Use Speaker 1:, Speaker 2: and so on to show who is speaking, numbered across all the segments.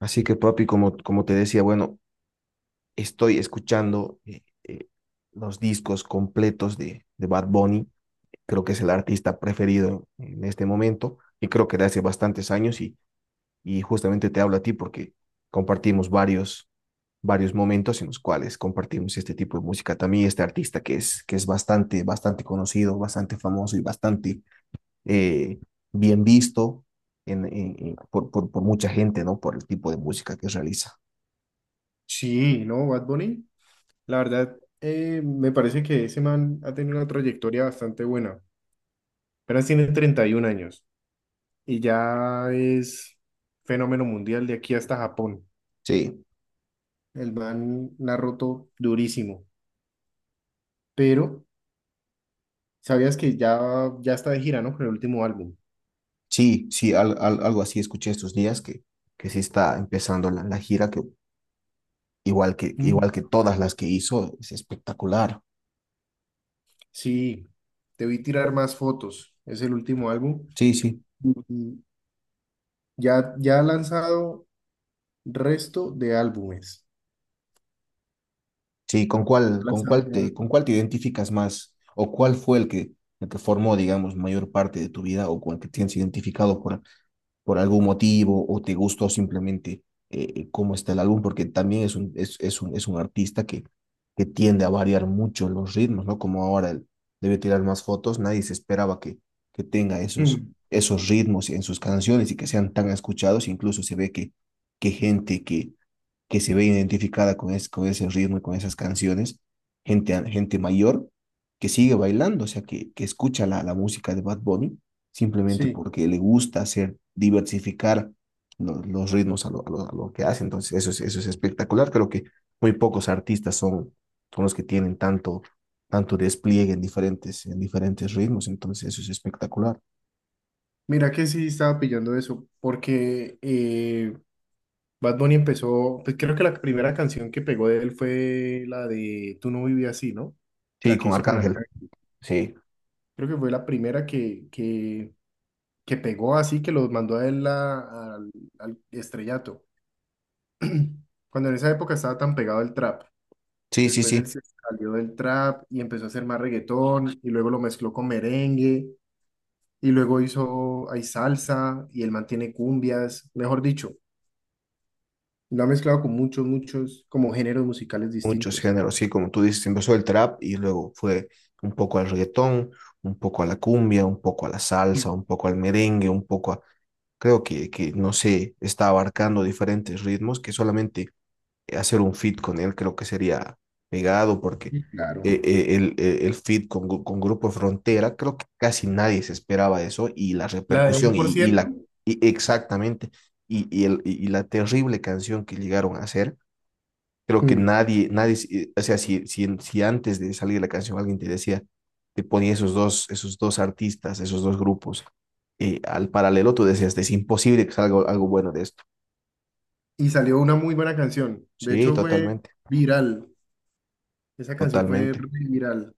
Speaker 1: Así que, papi, como te decía, bueno, estoy escuchando los discos completos de Bad Bunny. Creo que es el artista preferido en este momento y creo que de hace bastantes años y justamente te hablo a ti porque compartimos varios momentos en los cuales compartimos este tipo de música. También este artista que es bastante conocido, bastante famoso y bastante eh, bien visto por mucha gente, ¿no? Por el tipo de música que realiza.
Speaker 2: Sí, ¿no? Bad Bunny, la verdad, me parece que ese man ha tenido una trayectoria bastante buena. Apenas tiene 31 años y ya es fenómeno mundial de aquí hasta Japón.
Speaker 1: Sí.
Speaker 2: El man la ha roto durísimo, pero sabías que ya está de gira, ¿no? Con el último álbum.
Speaker 1: Sí, sí, algo así escuché estos días que sí está empezando la gira, que igual que
Speaker 2: Mm.
Speaker 1: igual que todas las que hizo, es espectacular.
Speaker 2: Sí, te vi tirar más fotos. Es el último álbum.
Speaker 1: Sí, sí,
Speaker 2: Y ya ha lanzado resto de álbumes.
Speaker 1: sí,
Speaker 2: Ha lanzado ya-
Speaker 1: con cuál te identificas más? ¿O cuál fue el que formó, digamos, mayor parte de tu vida o con el que tienes identificado por algún motivo o te gustó simplemente cómo está el álbum, porque también es un artista que tiende a variar mucho los ritmos, ¿no? Como ahora él debe tirar más fotos, nadie se esperaba que tenga esos,
Speaker 2: Mm.
Speaker 1: esos ritmos en sus canciones y que sean tan escuchados, incluso se ve que gente que se ve identificada con, es, con ese ritmo y con esas canciones, gente mayor que sigue bailando, o sea, que escucha la música de Bad Bunny simplemente
Speaker 2: Sí.
Speaker 1: porque le gusta hacer, diversificar los ritmos a lo, a, lo, a lo, que hace. Entonces, eso es espectacular. Creo que muy pocos artistas son, son los que tienen tanto, tanto despliegue en diferentes ritmos. Entonces, eso es espectacular.
Speaker 2: Mira que sí estaba pillando eso, porque Bad Bunny empezó, pues creo que la primera canción que pegó de él fue la de Tú no vivías así, ¿no?
Speaker 1: Sí,
Speaker 2: La que
Speaker 1: con
Speaker 2: hizo con
Speaker 1: Arcángel.
Speaker 2: Arcángel.
Speaker 1: Sí,
Speaker 2: Creo que fue la primera que pegó así, que los mandó a al estrellato. Cuando en esa época estaba tan pegado el trap.
Speaker 1: sí, sí,
Speaker 2: Después él
Speaker 1: sí.
Speaker 2: se salió del trap y empezó a hacer más reggaetón, y luego lo mezcló con merengue, y luego hizo, hay salsa, y él mantiene cumbias, mejor dicho. Lo ha mezclado con como géneros musicales
Speaker 1: Muchos
Speaker 2: distintos.
Speaker 1: géneros, sí, como tú dices, empezó el trap y luego fue un poco al reggaetón, un poco a la cumbia, un poco a la
Speaker 2: Mm.
Speaker 1: salsa, un poco al merengue, un poco a... Creo que no sé, está abarcando diferentes ritmos que solamente hacer un fit con él creo que sería pegado porque
Speaker 2: Claro.
Speaker 1: el fit con, con Grupo Frontera, creo que casi nadie se esperaba eso y la
Speaker 2: La de un
Speaker 1: repercusión
Speaker 2: por
Speaker 1: y
Speaker 2: ciento.
Speaker 1: la... Y exactamente, y el, y la terrible canción que llegaron a hacer. Creo que
Speaker 2: Hmm.
Speaker 1: nadie, si, o sea, si, si, si antes de salir la canción alguien te decía, te ponía esos dos artistas, esos dos grupos, al paralelo, tú decías, es imposible que salga algo bueno de esto.
Speaker 2: Y salió una muy buena canción. De
Speaker 1: Sí,
Speaker 2: hecho, fue
Speaker 1: totalmente,
Speaker 2: viral. Esa canción fue
Speaker 1: totalmente.
Speaker 2: re viral.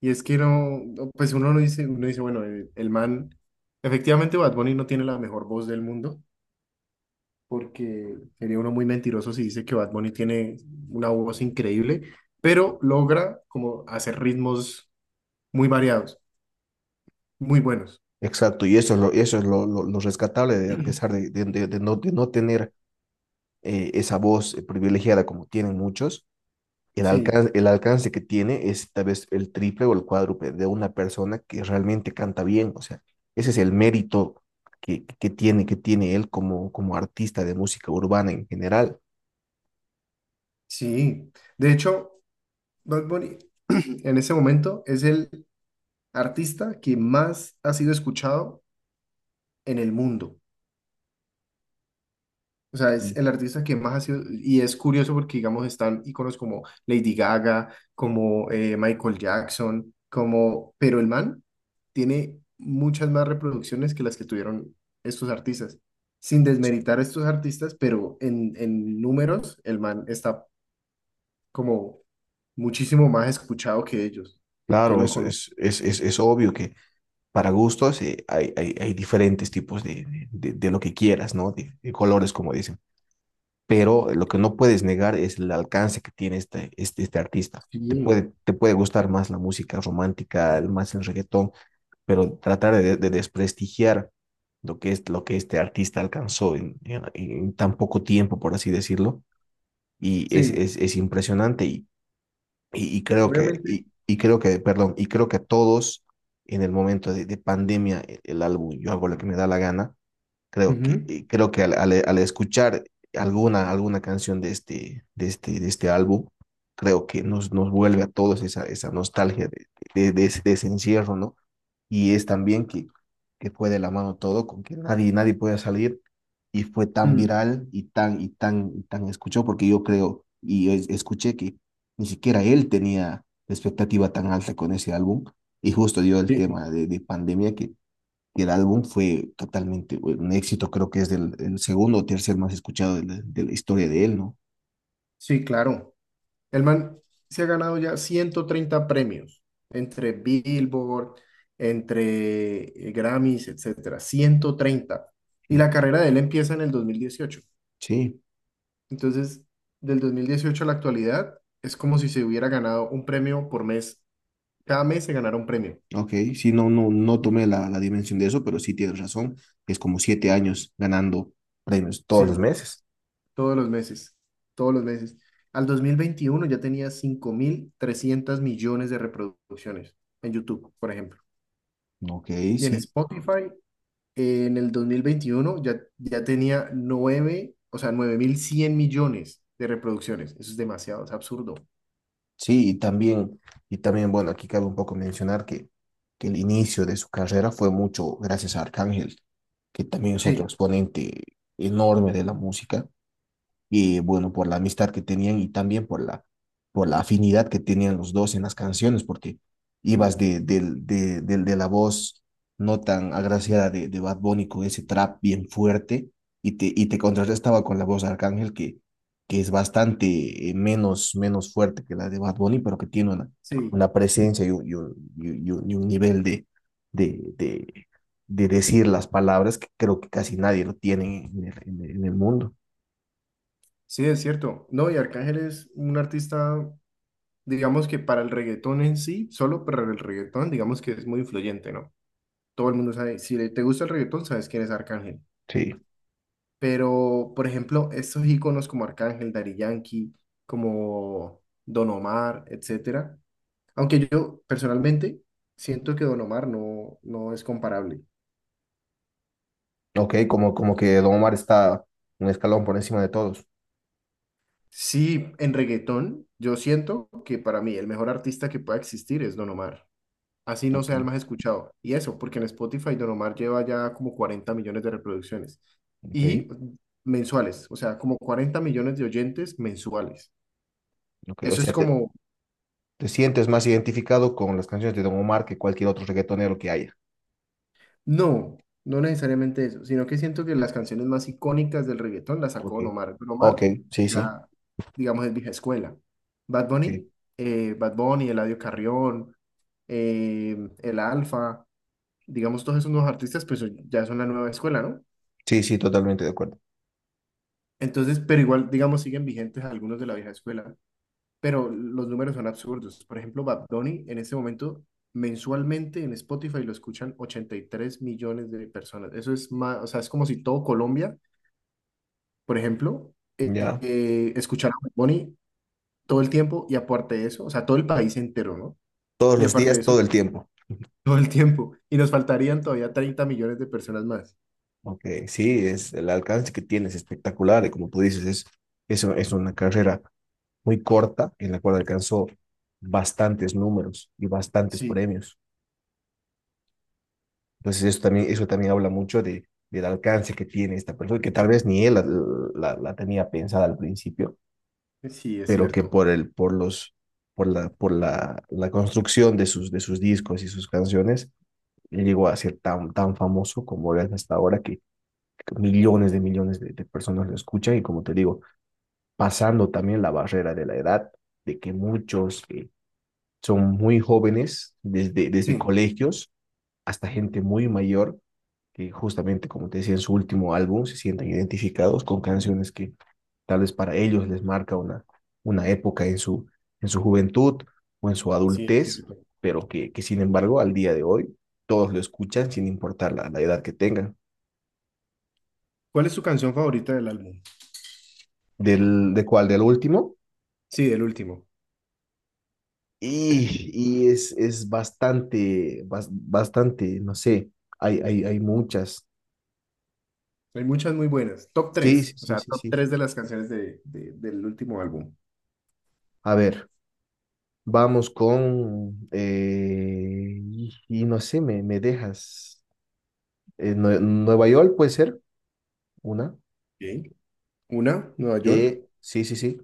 Speaker 2: Y es que pues uno no dice, uno dice, bueno, el man, efectivamente Bad Bunny no tiene la mejor voz del mundo, porque sería uno muy mentiroso si dice que Bad Bunny tiene una voz increíble, pero logra como hacer ritmos muy variados, muy buenos.
Speaker 1: Exacto, y eso es lo rescatable, de, a pesar de, de no tener esa voz privilegiada como tienen muchos.
Speaker 2: Sí.
Speaker 1: El alcance que tiene es tal vez el triple o el cuádruple de una persona que realmente canta bien. O sea, ese es el mérito que tiene él como, como artista de música urbana en general.
Speaker 2: Sí, de hecho, Bad Bunny en ese momento es el artista que más ha sido escuchado en el mundo. O sea,
Speaker 1: Y
Speaker 2: es el artista que más ha sido, y es curioso porque, digamos, están íconos como Lady Gaga, como Michael Jackson, como, pero el man tiene muchas más reproducciones que las que tuvieron estos artistas. Sin desmeritar a estos artistas, pero en números, el man está como muchísimo más escuchado que ellos. Qué
Speaker 1: claro,
Speaker 2: loco, ¿no?
Speaker 1: es obvio que para gustos hay, hay, hay diferentes tipos de lo que quieras, ¿no? De colores, como dicen. Pero lo que no puedes negar es el alcance que tiene este, este, este artista.
Speaker 2: Sí,
Speaker 1: Te puede gustar más la música romántica, más el reggaetón, pero tratar de desprestigiar lo que, es, lo que este artista alcanzó en tan poco tiempo, por así decirlo, y
Speaker 2: sí,
Speaker 1: es impresionante
Speaker 2: obviamente.
Speaker 1: y, creo que, perdón, y creo que a todos en el momento de pandemia, el, álbum Yo hago lo que me da la gana,
Speaker 2: Ujú.
Speaker 1: creo que al, al, al escuchar alguna, alguna canción de este, de este, de este álbum, creo que nos, nos vuelve a todos esa, esa nostalgia de ese encierro, ¿no? Y es también que fue de la mano todo, con que nadie, nadie podía salir y fue tan
Speaker 2: Mm.
Speaker 1: viral y tan, y tan, y tan escuchó, porque yo creo y escuché que ni siquiera él tenía la expectativa tan alta con ese álbum y justo dio el
Speaker 2: Sí,
Speaker 1: tema de pandemia que el álbum fue totalmente un éxito, creo que es del, el segundo o tercer más escuchado de la historia de él, ¿no?
Speaker 2: sí, claro. El man se ha ganado ya 130 premios entre Billboard, entre Grammys, etcétera. 130. Y
Speaker 1: Sí.
Speaker 2: la carrera de él empieza en el 2018.
Speaker 1: Sí.
Speaker 2: Entonces, del 2018 a la actualidad, es como si se hubiera ganado un premio por mes. Cada mes se ganara un premio.
Speaker 1: Ok, sí, no, no, no tomé la, la dimensión de eso, pero sí tienes razón. Es como siete años ganando premios todos los
Speaker 2: Sí.
Speaker 1: meses.
Speaker 2: Todos los meses, todos los meses. Al 2021 ya tenía 5.300 millones de reproducciones en YouTube, por ejemplo.
Speaker 1: Ok,
Speaker 2: Y en
Speaker 1: sí,
Speaker 2: Spotify, en el 2021 ya tenía 9, o sea, 9.100 millones de reproducciones. Eso es demasiado, es absurdo.
Speaker 1: sí, y también, bueno, aquí cabe un poco mencionar que el inicio de su carrera fue mucho gracias a Arcángel, que también es otro
Speaker 2: Sí.
Speaker 1: exponente enorme de la música, y bueno, por la amistad que tenían y también por la afinidad que tenían los dos en las canciones, porque ibas
Speaker 2: Mm.
Speaker 1: de, de, de la voz no tan agraciada de Bad Bunny con ese trap bien fuerte y te contrarrestaba con la voz de Arcángel que es bastante menos, menos fuerte que la de Bad Bunny, pero que tiene
Speaker 2: Sí,
Speaker 1: una presencia y un, y un, y un nivel de, de, de decir las palabras que creo que casi nadie lo tiene en el, en el en el mundo.
Speaker 2: sí, es cierto. No, y Arcángel es un artista, digamos que para el reggaetón en sí, solo para el reggaetón, digamos que es muy influyente, ¿no? Todo el mundo sabe, si te gusta el reggaetón, sabes quién es Arcángel.
Speaker 1: Sí.
Speaker 2: Pero, por ejemplo, estos íconos como Arcángel, Daddy Yankee, como Don Omar, etcétera. Aunque yo personalmente siento que Don Omar no es comparable.
Speaker 1: Ok, como, como que Don Omar está un escalón por encima de todos.
Speaker 2: Sí, en reggaetón, yo siento que para mí el mejor artista que pueda existir es Don Omar. Así no
Speaker 1: Ok,
Speaker 2: sea el más escuchado. Y eso, porque en Spotify Don Omar lleva ya como 40 millones de reproducciones.
Speaker 1: ok,
Speaker 2: Y mensuales, o sea, como 40 millones de oyentes mensuales.
Speaker 1: ok. O
Speaker 2: Eso es
Speaker 1: sea, te,
Speaker 2: como
Speaker 1: te sientes más identificado con las canciones de Don Omar que cualquier otro reggaetonero que haya.
Speaker 2: no, no necesariamente eso, sino que siento que las canciones más icónicas del reggaetón las sacó
Speaker 1: Ok,
Speaker 2: Don Omar. Don
Speaker 1: ok,
Speaker 2: Omar
Speaker 1: sí, sí.
Speaker 2: ya, digamos, es vieja escuela. Bad Bunny,
Speaker 1: Sí,
Speaker 2: Bad Bunny, Eladio Carrión, El Alfa, digamos, todos esos nuevos artistas, pues ya son la nueva escuela, ¿no?
Speaker 1: sí, sí, totalmente de acuerdo.
Speaker 2: Entonces, pero igual, digamos, siguen vigentes algunos de la vieja escuela. Pero los números son absurdos. Por ejemplo, Bad Bunny en este momento mensualmente en Spotify lo escuchan 83 millones de personas. Eso es más, o sea, es como si todo Colombia, por ejemplo,
Speaker 1: Ya.
Speaker 2: escuchara a Bad Bunny todo el tiempo y aparte de eso, o sea, todo el país entero, ¿no?
Speaker 1: Todos
Speaker 2: Y
Speaker 1: los
Speaker 2: aparte de
Speaker 1: días,
Speaker 2: eso,
Speaker 1: todo el tiempo.
Speaker 2: todo el tiempo. Y nos faltarían todavía 30 millones de personas más.
Speaker 1: Ok, sí, es el alcance que tienes espectacular y como tú dices, es una carrera muy corta en la cual alcanzó bastantes números y bastantes
Speaker 2: Sí,
Speaker 1: premios. Entonces eso también habla mucho de, del alcance que tiene esta persona, que tal vez ni él la, la, la tenía pensada al principio,
Speaker 2: sí, es
Speaker 1: pero que
Speaker 2: cierto.
Speaker 1: por, el, por, los, por la, la construcción de sus discos y sus canciones, llegó a ser tan, tan famoso como es hasta ahora, que millones de personas lo escuchan y como te digo, pasando también la barrera de la edad, de que muchos son muy jóvenes desde,
Speaker 2: Sí,
Speaker 1: desde colegios hasta gente muy mayor que justamente, como te decía, en su último álbum se sientan identificados con canciones que tal vez para ellos les marca una época en su juventud o en su
Speaker 2: sí, es
Speaker 1: adultez,
Speaker 2: cierto.
Speaker 1: pero que sin embargo al día de hoy todos lo escuchan sin importar la, la edad que tengan.
Speaker 2: ¿Cuál es tu canción favorita del álbum?
Speaker 1: Del, ¿de cuál? ¿Del último?
Speaker 2: Sí, del último.
Speaker 1: Y es bastante, bastante, no sé, hay muchas.
Speaker 2: Hay muchas muy buenas. Top
Speaker 1: Sí, sí,
Speaker 2: tres, o
Speaker 1: sí,
Speaker 2: sea,
Speaker 1: sí,
Speaker 2: top
Speaker 1: sí.
Speaker 2: 3 de las canciones de, del último álbum.
Speaker 1: A ver, vamos con, y no sé, me dejas. Nueva York puede ser una.
Speaker 2: Ok. Una, Nueva York.
Speaker 1: Sí, sí, sí.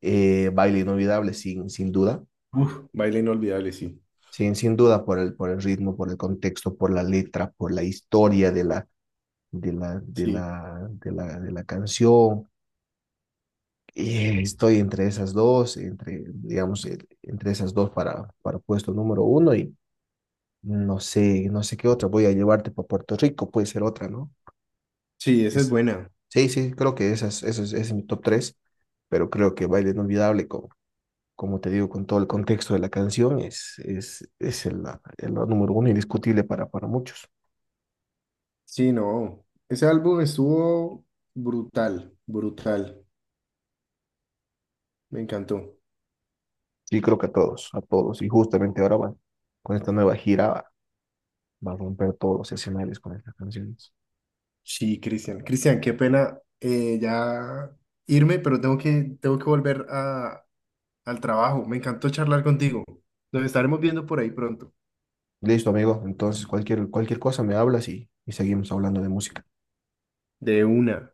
Speaker 1: Baile inolvidable, sin, sin duda.
Speaker 2: Uf, baile inolvidable, sí.
Speaker 1: Sin, sin duda por el ritmo, por el contexto, por la letra, por la historia de la, de la, de
Speaker 2: Sí.
Speaker 1: la, de la, de la canción. Estoy entre esas dos, entre, digamos, entre esas dos para puesto número uno y no sé, no sé qué otra. Voy a llevarte para Puerto Rico, puede ser otra, ¿no?
Speaker 2: Sí, esa es
Speaker 1: Es,
Speaker 2: buena.
Speaker 1: sí, sí, creo que esas, eso es, ese es mi top 3 pero creo que Baile Inolvidable, como, como te digo, con todo el contexto de la canción, es el número uno indiscutible para muchos.
Speaker 2: Sí, no. Ese álbum estuvo brutal, brutal. Me encantó.
Speaker 1: Sí creo que a todos, a todos. Y justamente ahora va, con esta nueva gira va, va a romper todos los escenarios con estas canciones.
Speaker 2: Sí, Cristian. Cristian, qué pena ya irme, pero tengo que volver a, al trabajo. Me encantó charlar contigo. Nos estaremos viendo por ahí pronto.
Speaker 1: Listo, amigo. Entonces, cualquier, cualquier cosa me hablas y seguimos hablando de música.
Speaker 2: De una.